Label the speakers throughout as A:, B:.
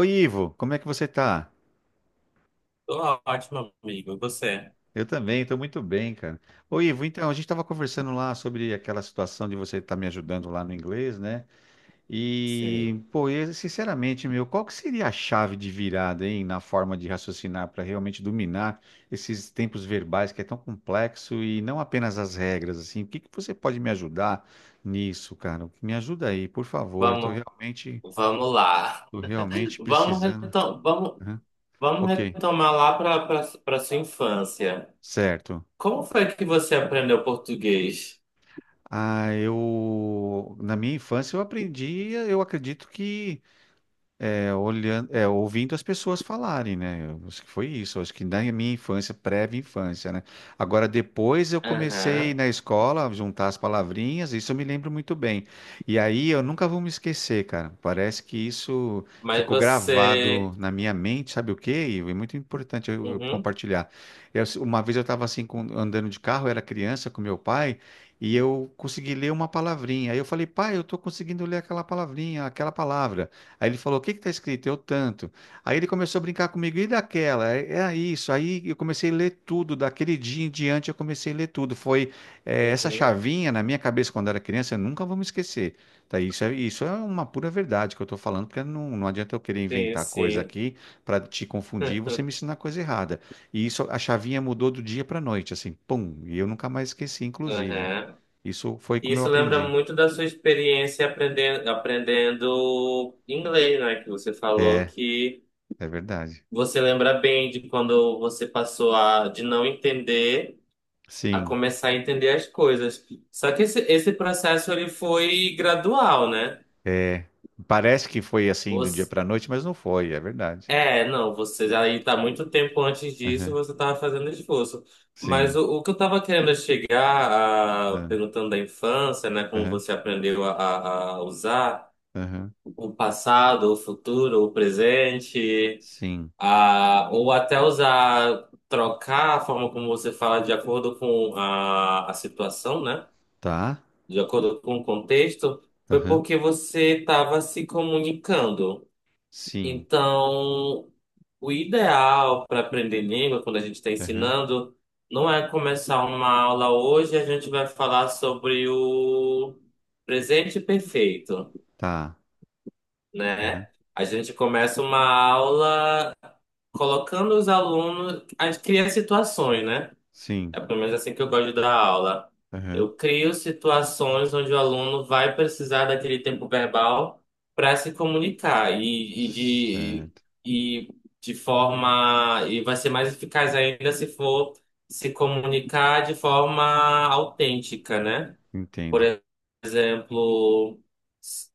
A: Oi, Ivo, como é que você tá?
B: Tô ótimo, amigo. E você?
A: Eu também, estou muito bem, cara. Ô, Ivo, então, a gente estava conversando lá sobre aquela situação de você estar me ajudando lá no inglês, né? E,
B: Sim.
A: pô, eu, sinceramente, meu, qual que seria a chave de virada, hein, na forma de raciocinar para realmente dominar esses tempos verbais que é tão complexo e não apenas as regras, assim? O que que você pode me ajudar nisso, cara? Me ajuda aí, por favor.
B: Vamos, vamos lá.
A: Tô realmente
B: Vamos,
A: precisando.
B: retom vamos,
A: Aham.
B: vamos
A: Ok,
B: retomar lá para sua infância.
A: certo.
B: Como foi que você aprendeu português?
A: Ah, eu na minha infância eu aprendi, eu acredito que olhando, ouvindo as pessoas falarem, né? Eu acho que foi isso. Acho que na minha infância, prévia infância, né? Agora, depois eu comecei
B: Aham.
A: na escola a juntar as palavrinhas, isso eu me lembro muito bem. E aí eu nunca vou me esquecer, cara. Parece que isso
B: Mas
A: ficou
B: você.
A: gravado na minha mente, sabe o quê? E é muito importante eu
B: Uhum.
A: compartilhar. Uma vez eu estava assim, andando de carro, eu era criança com meu pai. E eu consegui ler uma palavrinha. Aí eu falei, pai, eu estou conseguindo ler aquela palavrinha, aquela palavra. Aí ele falou: O que que tá escrito? Eu tanto. Aí ele começou a brincar comigo: E daquela? É isso. Aí eu comecei a ler tudo. Daquele dia em diante eu comecei a ler tudo. Essa
B: Uhum.
A: chavinha na minha cabeça quando era criança, eu nunca vou me esquecer. Tá? Isso é uma pura verdade que eu estou falando, porque não adianta eu querer
B: Sim,
A: inventar coisa
B: sim.
A: aqui para te confundir e você me ensinar coisa errada. E isso, a chavinha mudou do dia para noite, assim, pum. E eu nunca mais esqueci, inclusive.
B: Aham.
A: Isso foi como eu
B: Isso lembra
A: aprendi.
B: muito da sua experiência aprendendo inglês, né? Que você falou
A: É,
B: que
A: é verdade.
B: você lembra bem de quando você passou de não entender, a
A: Sim.
B: começar a entender as coisas. Só que esse processo ele foi gradual, né?
A: É, parece que foi assim do dia
B: Você,
A: para noite, mas não foi, é verdade.
B: não, você já está muito tempo antes disso,
A: Aham,
B: você estava fazendo esforço. Mas
A: sim.
B: o que eu estava querendo é chegar,
A: Ah,
B: perguntando da infância, né, como
A: aham.
B: você aprendeu a usar
A: Aham.
B: o passado, o futuro, o presente,
A: Sim.
B: ou até usar, trocar a forma como você fala de acordo com a situação, né?
A: Tá.
B: De acordo com o contexto, foi
A: Aham.
B: porque você estava se comunicando.
A: Sim.
B: Então, o ideal para aprender língua, quando a gente está
A: Aham.
B: ensinando, não é começar uma aula hoje, a gente vai falar sobre o presente perfeito,
A: Tá. Aham.
B: né? A gente começa uma aula colocando os alunos, a criar situações, né?
A: Sim.
B: É pelo menos assim que eu gosto de dar aula.
A: Aham.
B: Eu crio situações onde o aluno vai precisar daquele tempo verbal para se comunicar e, e de
A: Certo.
B: e de forma e vai ser mais eficaz ainda se for se comunicar de forma autêntica, né? Por
A: Entendo.
B: exemplo, s-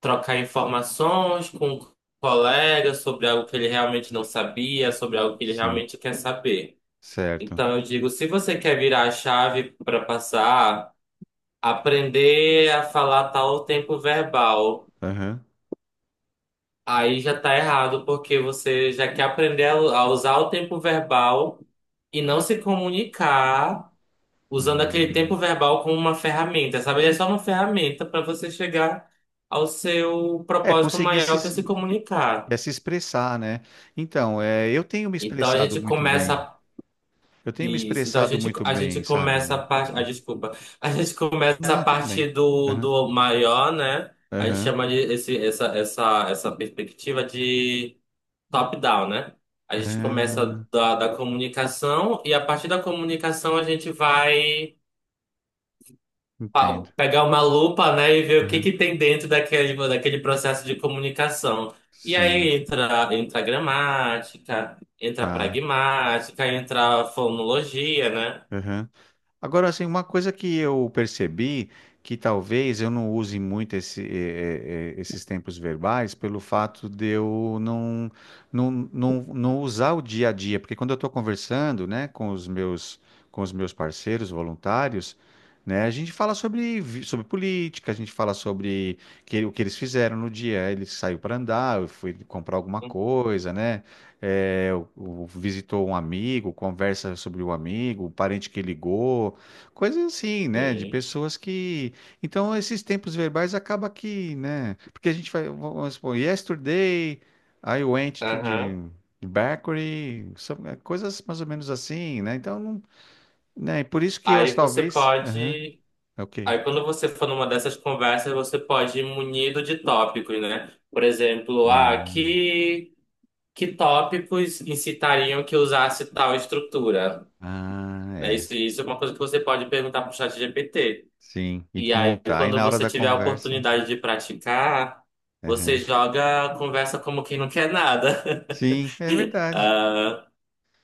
B: trocar informações com um colega sobre algo que ele realmente não sabia, sobre algo que ele
A: Sim.
B: realmente quer saber.
A: Certo.
B: Então eu digo, se você quer virar a chave para passar, aprender a falar tal tempo verbal,
A: Aham.
B: aí já tá errado, porque você já quer aprender a usar o tempo verbal e não se comunicar usando aquele tempo
A: Hum.
B: verbal como uma ferramenta, sabe? Ele é só uma ferramenta para você chegar ao seu
A: É,
B: propósito
A: conseguir se,
B: maior que é
A: es-
B: se comunicar.
A: é, se expressar, né? Então, eu tenho me
B: Então a
A: expressado
B: gente
A: muito bem.
B: começa
A: Eu tenho me
B: Isso, então a
A: expressado
B: gente,
A: muito
B: a gente
A: bem, sabe?
B: começa a parte. Ah,
A: Uhum.
B: desculpa. A gente começa a
A: Não, tudo bem.
B: partir do,
A: Aham.
B: do maior, né? A gente
A: Aham.
B: chama de essa perspectiva de top-down, né? A gente começa
A: Ah,
B: da comunicação e a partir da comunicação a gente vai
A: entendo.
B: pegar uma lupa, né, e ver o que
A: Aham.
B: que tem dentro daquele processo de comunicação. E
A: Sim,
B: aí entra gramática, entra
A: tá.
B: pragmática, entra fonologia, né?
A: Aham. Agora, assim, uma coisa que eu percebi que talvez eu não use muito esses tempos verbais pelo fato de eu não usar o dia a dia, porque quando eu estou conversando, né, com os meus parceiros voluntários, né, a gente fala sobre política, a gente fala sobre o que eles fizeram no dia. Ele saiu para andar, eu fui comprar alguma coisa, né? eh, o- Visitou um amigo, conversa sobre o amigo, o parente que ligou. Coisas assim, né? De
B: Sim.
A: pessoas que. Então, esses tempos verbais acaba que, né? Porque a gente vai, vamos supor, yesterday, I went to the
B: Aham.
A: bakery, some- coisas mais ou menos assim, né? Então, não, né? Por isso que eu
B: Aí você
A: talvez. Aham,
B: pode.
A: ok.
B: Aí quando você for numa dessas conversas, você pode ir munido de tópicos, né? Por exemplo,
A: É.
B: que tópicos incitariam que usasse tal estrutura?
A: Ah,
B: Né?
A: é.
B: Isso é uma coisa que você pode perguntar para o chat GPT.
A: Sim. E
B: E aí,
A: montar. E
B: quando
A: na hora
B: você
A: da
B: tiver a
A: conversa.
B: oportunidade de praticar, você
A: Aham.
B: joga a conversa como quem não quer nada.
A: Sim, é verdade.
B: Ah,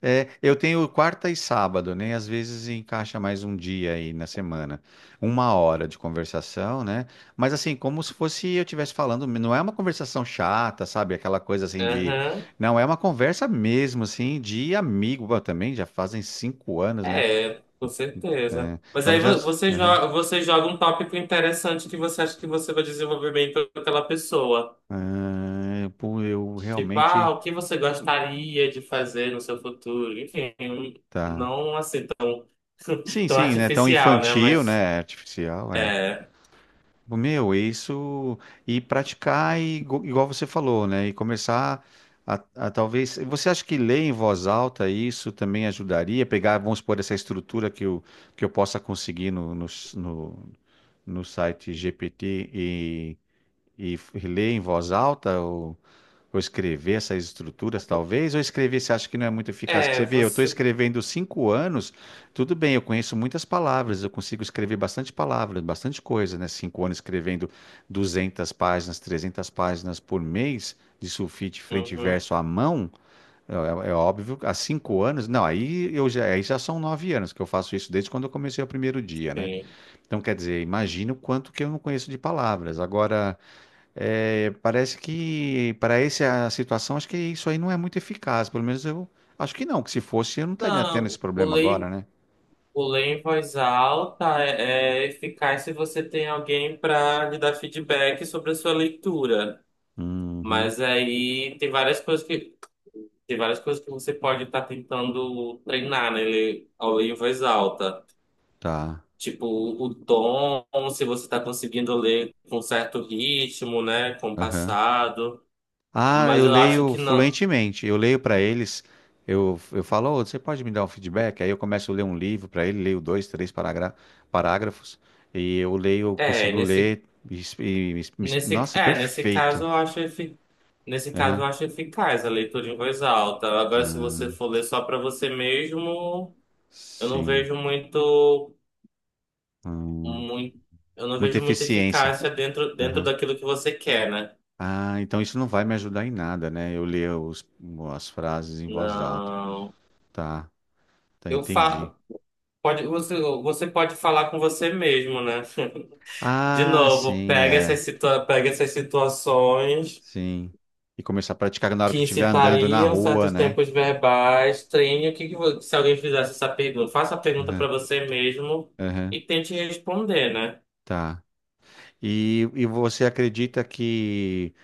A: É, eu tenho quarta e sábado, né? Às vezes encaixa mais um dia aí na semana, uma hora de conversação, né? Mas assim, como se fosse eu estivesse falando, não é uma conversação chata, sabe? Aquela coisa assim de.
B: aham.
A: Não, é uma conversa mesmo, assim, de amigo. Bom, também, já fazem 5 anos, né?
B: É, com certeza.
A: É,
B: Mas
A: então
B: aí
A: já.
B: você
A: Aham.
B: joga, você joga um tópico interessante que você acha que você vai desenvolver bem com aquela pessoa.
A: Ah, pô, eu
B: Tipo, ah,
A: realmente.
B: o que você gostaria de fazer no seu futuro? Enfim,
A: Tá.
B: não assim tão,
A: Sim,
B: tão
A: sim, né? Tão
B: artificial, né?
A: infantil,
B: Mas
A: né? Artificial, é.
B: é,
A: Tipo, meu, é isso e praticar e, igual você falou, né? E começar a talvez. Você acha que ler em voz alta isso também ajudaria? Pegar, vamos supor, essa estrutura que eu possa conseguir no site GPT e ler em voz alta? Vou escrever essas estruturas, talvez, ou escrever, você acha que não é muito eficaz? Que você vê, eu estou
B: você.
A: escrevendo 5 anos, tudo bem, eu conheço muitas palavras, eu consigo escrever bastante palavras, bastante coisa, né? 5 anos escrevendo 200 páginas, 300 páginas por mês de sulfite frente e
B: Uhum,
A: verso à mão, é óbvio, há 5 anos, não, aí, eu já, aí já são 9 anos que eu faço isso desde quando eu comecei o primeiro dia, né?
B: sim.
A: Então, quer dizer, imagina o quanto que eu não conheço de palavras. Agora parece que para essa situação, acho que isso aí não é muito eficaz. Pelo menos eu acho que não, que se fosse, eu não estaria tendo esse
B: Não, o
A: problema
B: ler,
A: agora,
B: em-
A: né?
B: o ler em voz alta é eficaz se você tem alguém para lhe dar feedback sobre a sua leitura.
A: Uhum,
B: Mas aí tem várias coisas que você pode estar tentando treinar, né? Ler em voz alta.
A: tá.
B: Tipo, o tom, se você está conseguindo ler com certo ritmo, né?
A: Aham.
B: Compassado.
A: Ah,
B: Mas
A: eu
B: eu acho
A: leio
B: que não.
A: fluentemente. Eu leio para eles. Eu falo, "Ô, você pode me dar um feedback? Aí eu começo a ler um livro para ele, leio dois, três parágrafos. E eu leio, eu
B: É,
A: consigo
B: nesse,
A: ler.
B: nesse,
A: Nossa,
B: é, nesse caso
A: perfeito.
B: eu acho efi- Nesse caso
A: Aham.
B: eu acho eficaz a leitura em voz alta. Agora, se
A: Ah,
B: você for ler só para você mesmo, eu não
A: sim.
B: vejo
A: Hum,
B: muito, eu não
A: muita
B: vejo muita
A: eficiência.
B: eficácia dentro daquilo que você quer, né?
A: Ah, então isso não vai me ajudar em nada, né? Eu ler as frases em voz alta.
B: Não.
A: Tá, tá,
B: Eu
A: entendi.
B: falo, pode, você pode falar com você mesmo, né? De
A: Ah,
B: novo,
A: sim,
B: pega
A: é,
B: essas situa pega essas situações
A: sim. E começar a praticar na hora
B: que
A: que eu estiver andando na
B: incitariam
A: rua,
B: certos
A: né?
B: tempos verbais, treine o que, que vo- se alguém fizesse essa pergunta, faça a pergunta
A: Aham,
B: para você mesmo
A: aham,
B: e tente responder, né?
A: tá. E você acredita que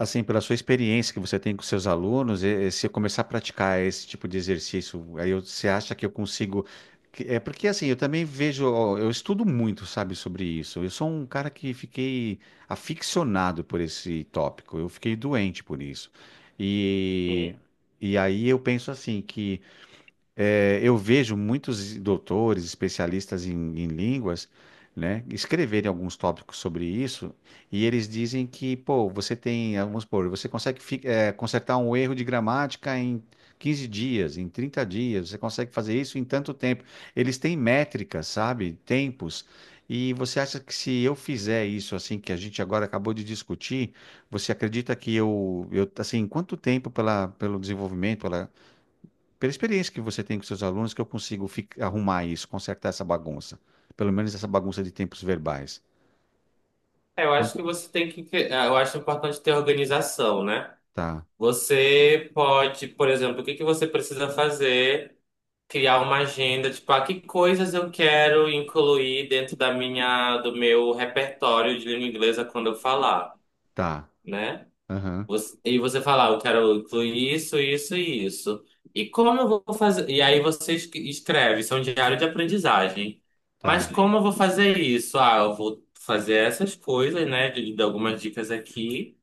A: assim, pela sua experiência que você tem com seus alunos, se eu começar a praticar esse tipo de exercício, você acha que eu consigo. É porque assim, eu também vejo, ó, eu estudo muito, sabe, sobre isso. Eu sou um cara que fiquei aficionado por esse tópico. Eu fiquei doente por isso. E,
B: Uhum.
A: e aí eu penso assim que eu vejo muitos doutores, especialistas em línguas, né, escreverem alguns tópicos sobre isso, e eles dizem que, pô, você tem, vamos supor, você consegue consertar um erro de gramática em 15 dias, em 30 dias, você consegue fazer isso em tanto tempo. Eles têm métricas, sabe? Tempos. E você acha que se eu fizer isso, assim, que a gente agora acabou de discutir, você acredita que eu assim, quanto tempo pela, pelo desenvolvimento, pela experiência que você tem com seus alunos, que eu consigo arrumar isso, consertar essa bagunça. Pelo menos essa bagunça de tempos verbais.
B: É, Eu acho
A: Quanto
B: que você tem que, eu acho importante ter organização, né?
A: tá,
B: Você pode, por exemplo, o que que você precisa fazer? Criar uma agenda, tipo, que coisas eu quero incluir dentro do meu repertório de língua inglesa quando eu falar,
A: tá,
B: né?
A: aham,
B: E você falar, eu quero incluir isso, isso e isso. E como eu vou fazer? E aí você escreve, isso é um diário de aprendizagem. Mas
A: tá.
B: como eu vou fazer isso? Ah, eu vou fazer essas coisas, né? De algumas dicas aqui.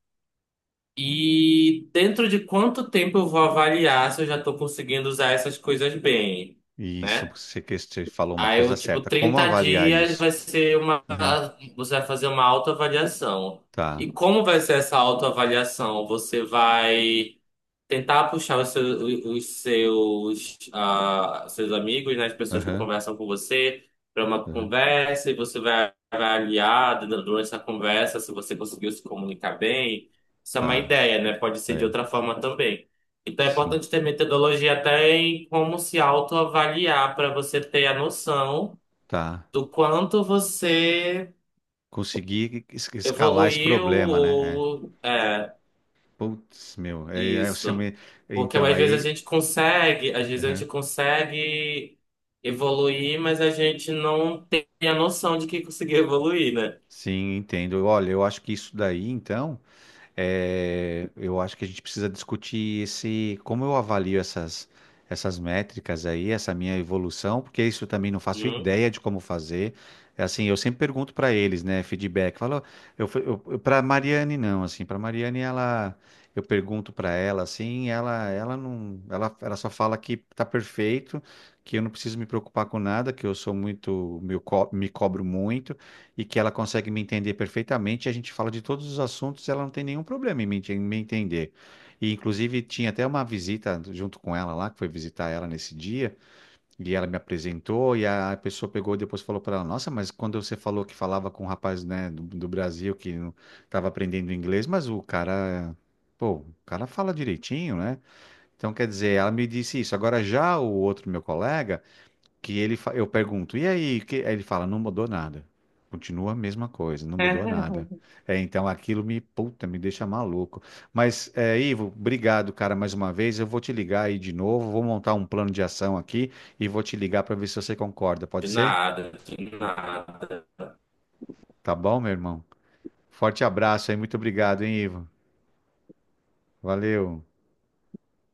B: E dentro de quanto tempo eu vou avaliar se eu já estou conseguindo usar essas coisas bem,
A: Isso,
B: né?
A: você, você falou uma
B: Aí
A: coisa
B: eu, tipo,
A: certa. Como
B: 30
A: avaliar
B: dias
A: isso?
B: vai ser uma.
A: Aham,
B: Você vai fazer uma autoavaliação.
A: tá,
B: E como vai ser essa autoavaliação? Você vai tentar puxar seus amigos, né, as pessoas que
A: aham,
B: conversam com você, para uma
A: aham,
B: conversa, e você vai avaliar durante essa conversa se você conseguiu se comunicar bem. Isso é uma
A: tá.
B: ideia, né? Pode ser de
A: É,
B: outra forma também. Então é
A: sim,
B: importante ter metodologia até em como se autoavaliar para você ter a noção
A: tá.
B: do quanto você
A: Consegui escalar esse
B: evoluiu
A: problema, né? É. Putz, meu, eu
B: Isso.
A: chamei-.
B: Porque
A: Então,
B: às vezes a
A: aí.
B: gente consegue, às vezes a gente
A: Aham.
B: consegue evoluir, mas a gente não tem a noção de que conseguiu evoluir, né?
A: Sim, entendo. Olha, eu acho que isso daí, então. É, eu acho que a gente precisa discutir esse, como eu avalio essas, métricas aí, essa minha evolução, porque isso eu também não faço
B: Hum?
A: ideia de como fazer. É assim, eu sempre pergunto para eles, né, feedback. Falo, eu, para Mariane não, assim, para Mariane ela, eu pergunto para ela, assim, ela não, ela só fala que tá perfeito, que eu não preciso me preocupar com nada, que eu sou muito, me cobro muito e que ela consegue me entender perfeitamente. A gente fala de todos os assuntos, ela não tem nenhum problema em me entender. E, inclusive, tinha até uma visita junto com ela lá, que foi visitar ela nesse dia, e ela me apresentou, e a pessoa pegou e depois falou para ela: Nossa, mas quando você falou que falava com um rapaz, né, do Brasil que estava aprendendo inglês, mas o cara. Pô, o cara fala direitinho, né? Então, quer dizer, ela me disse isso. Agora, já o outro meu colega que eu pergunto, e aí? Que, aí ele fala, não mudou nada. Continua a mesma coisa, não mudou nada. É, então aquilo me, puta, me deixa maluco. Mas, Ivo, obrigado, cara, mais uma vez. Eu vou te ligar aí de novo, vou montar um plano de ação aqui e vou te ligar para ver se você concorda.
B: De
A: Pode ser?
B: nada, de nada.
A: Tá bom, meu irmão? Forte abraço aí, muito obrigado, hein, Ivo? Valeu.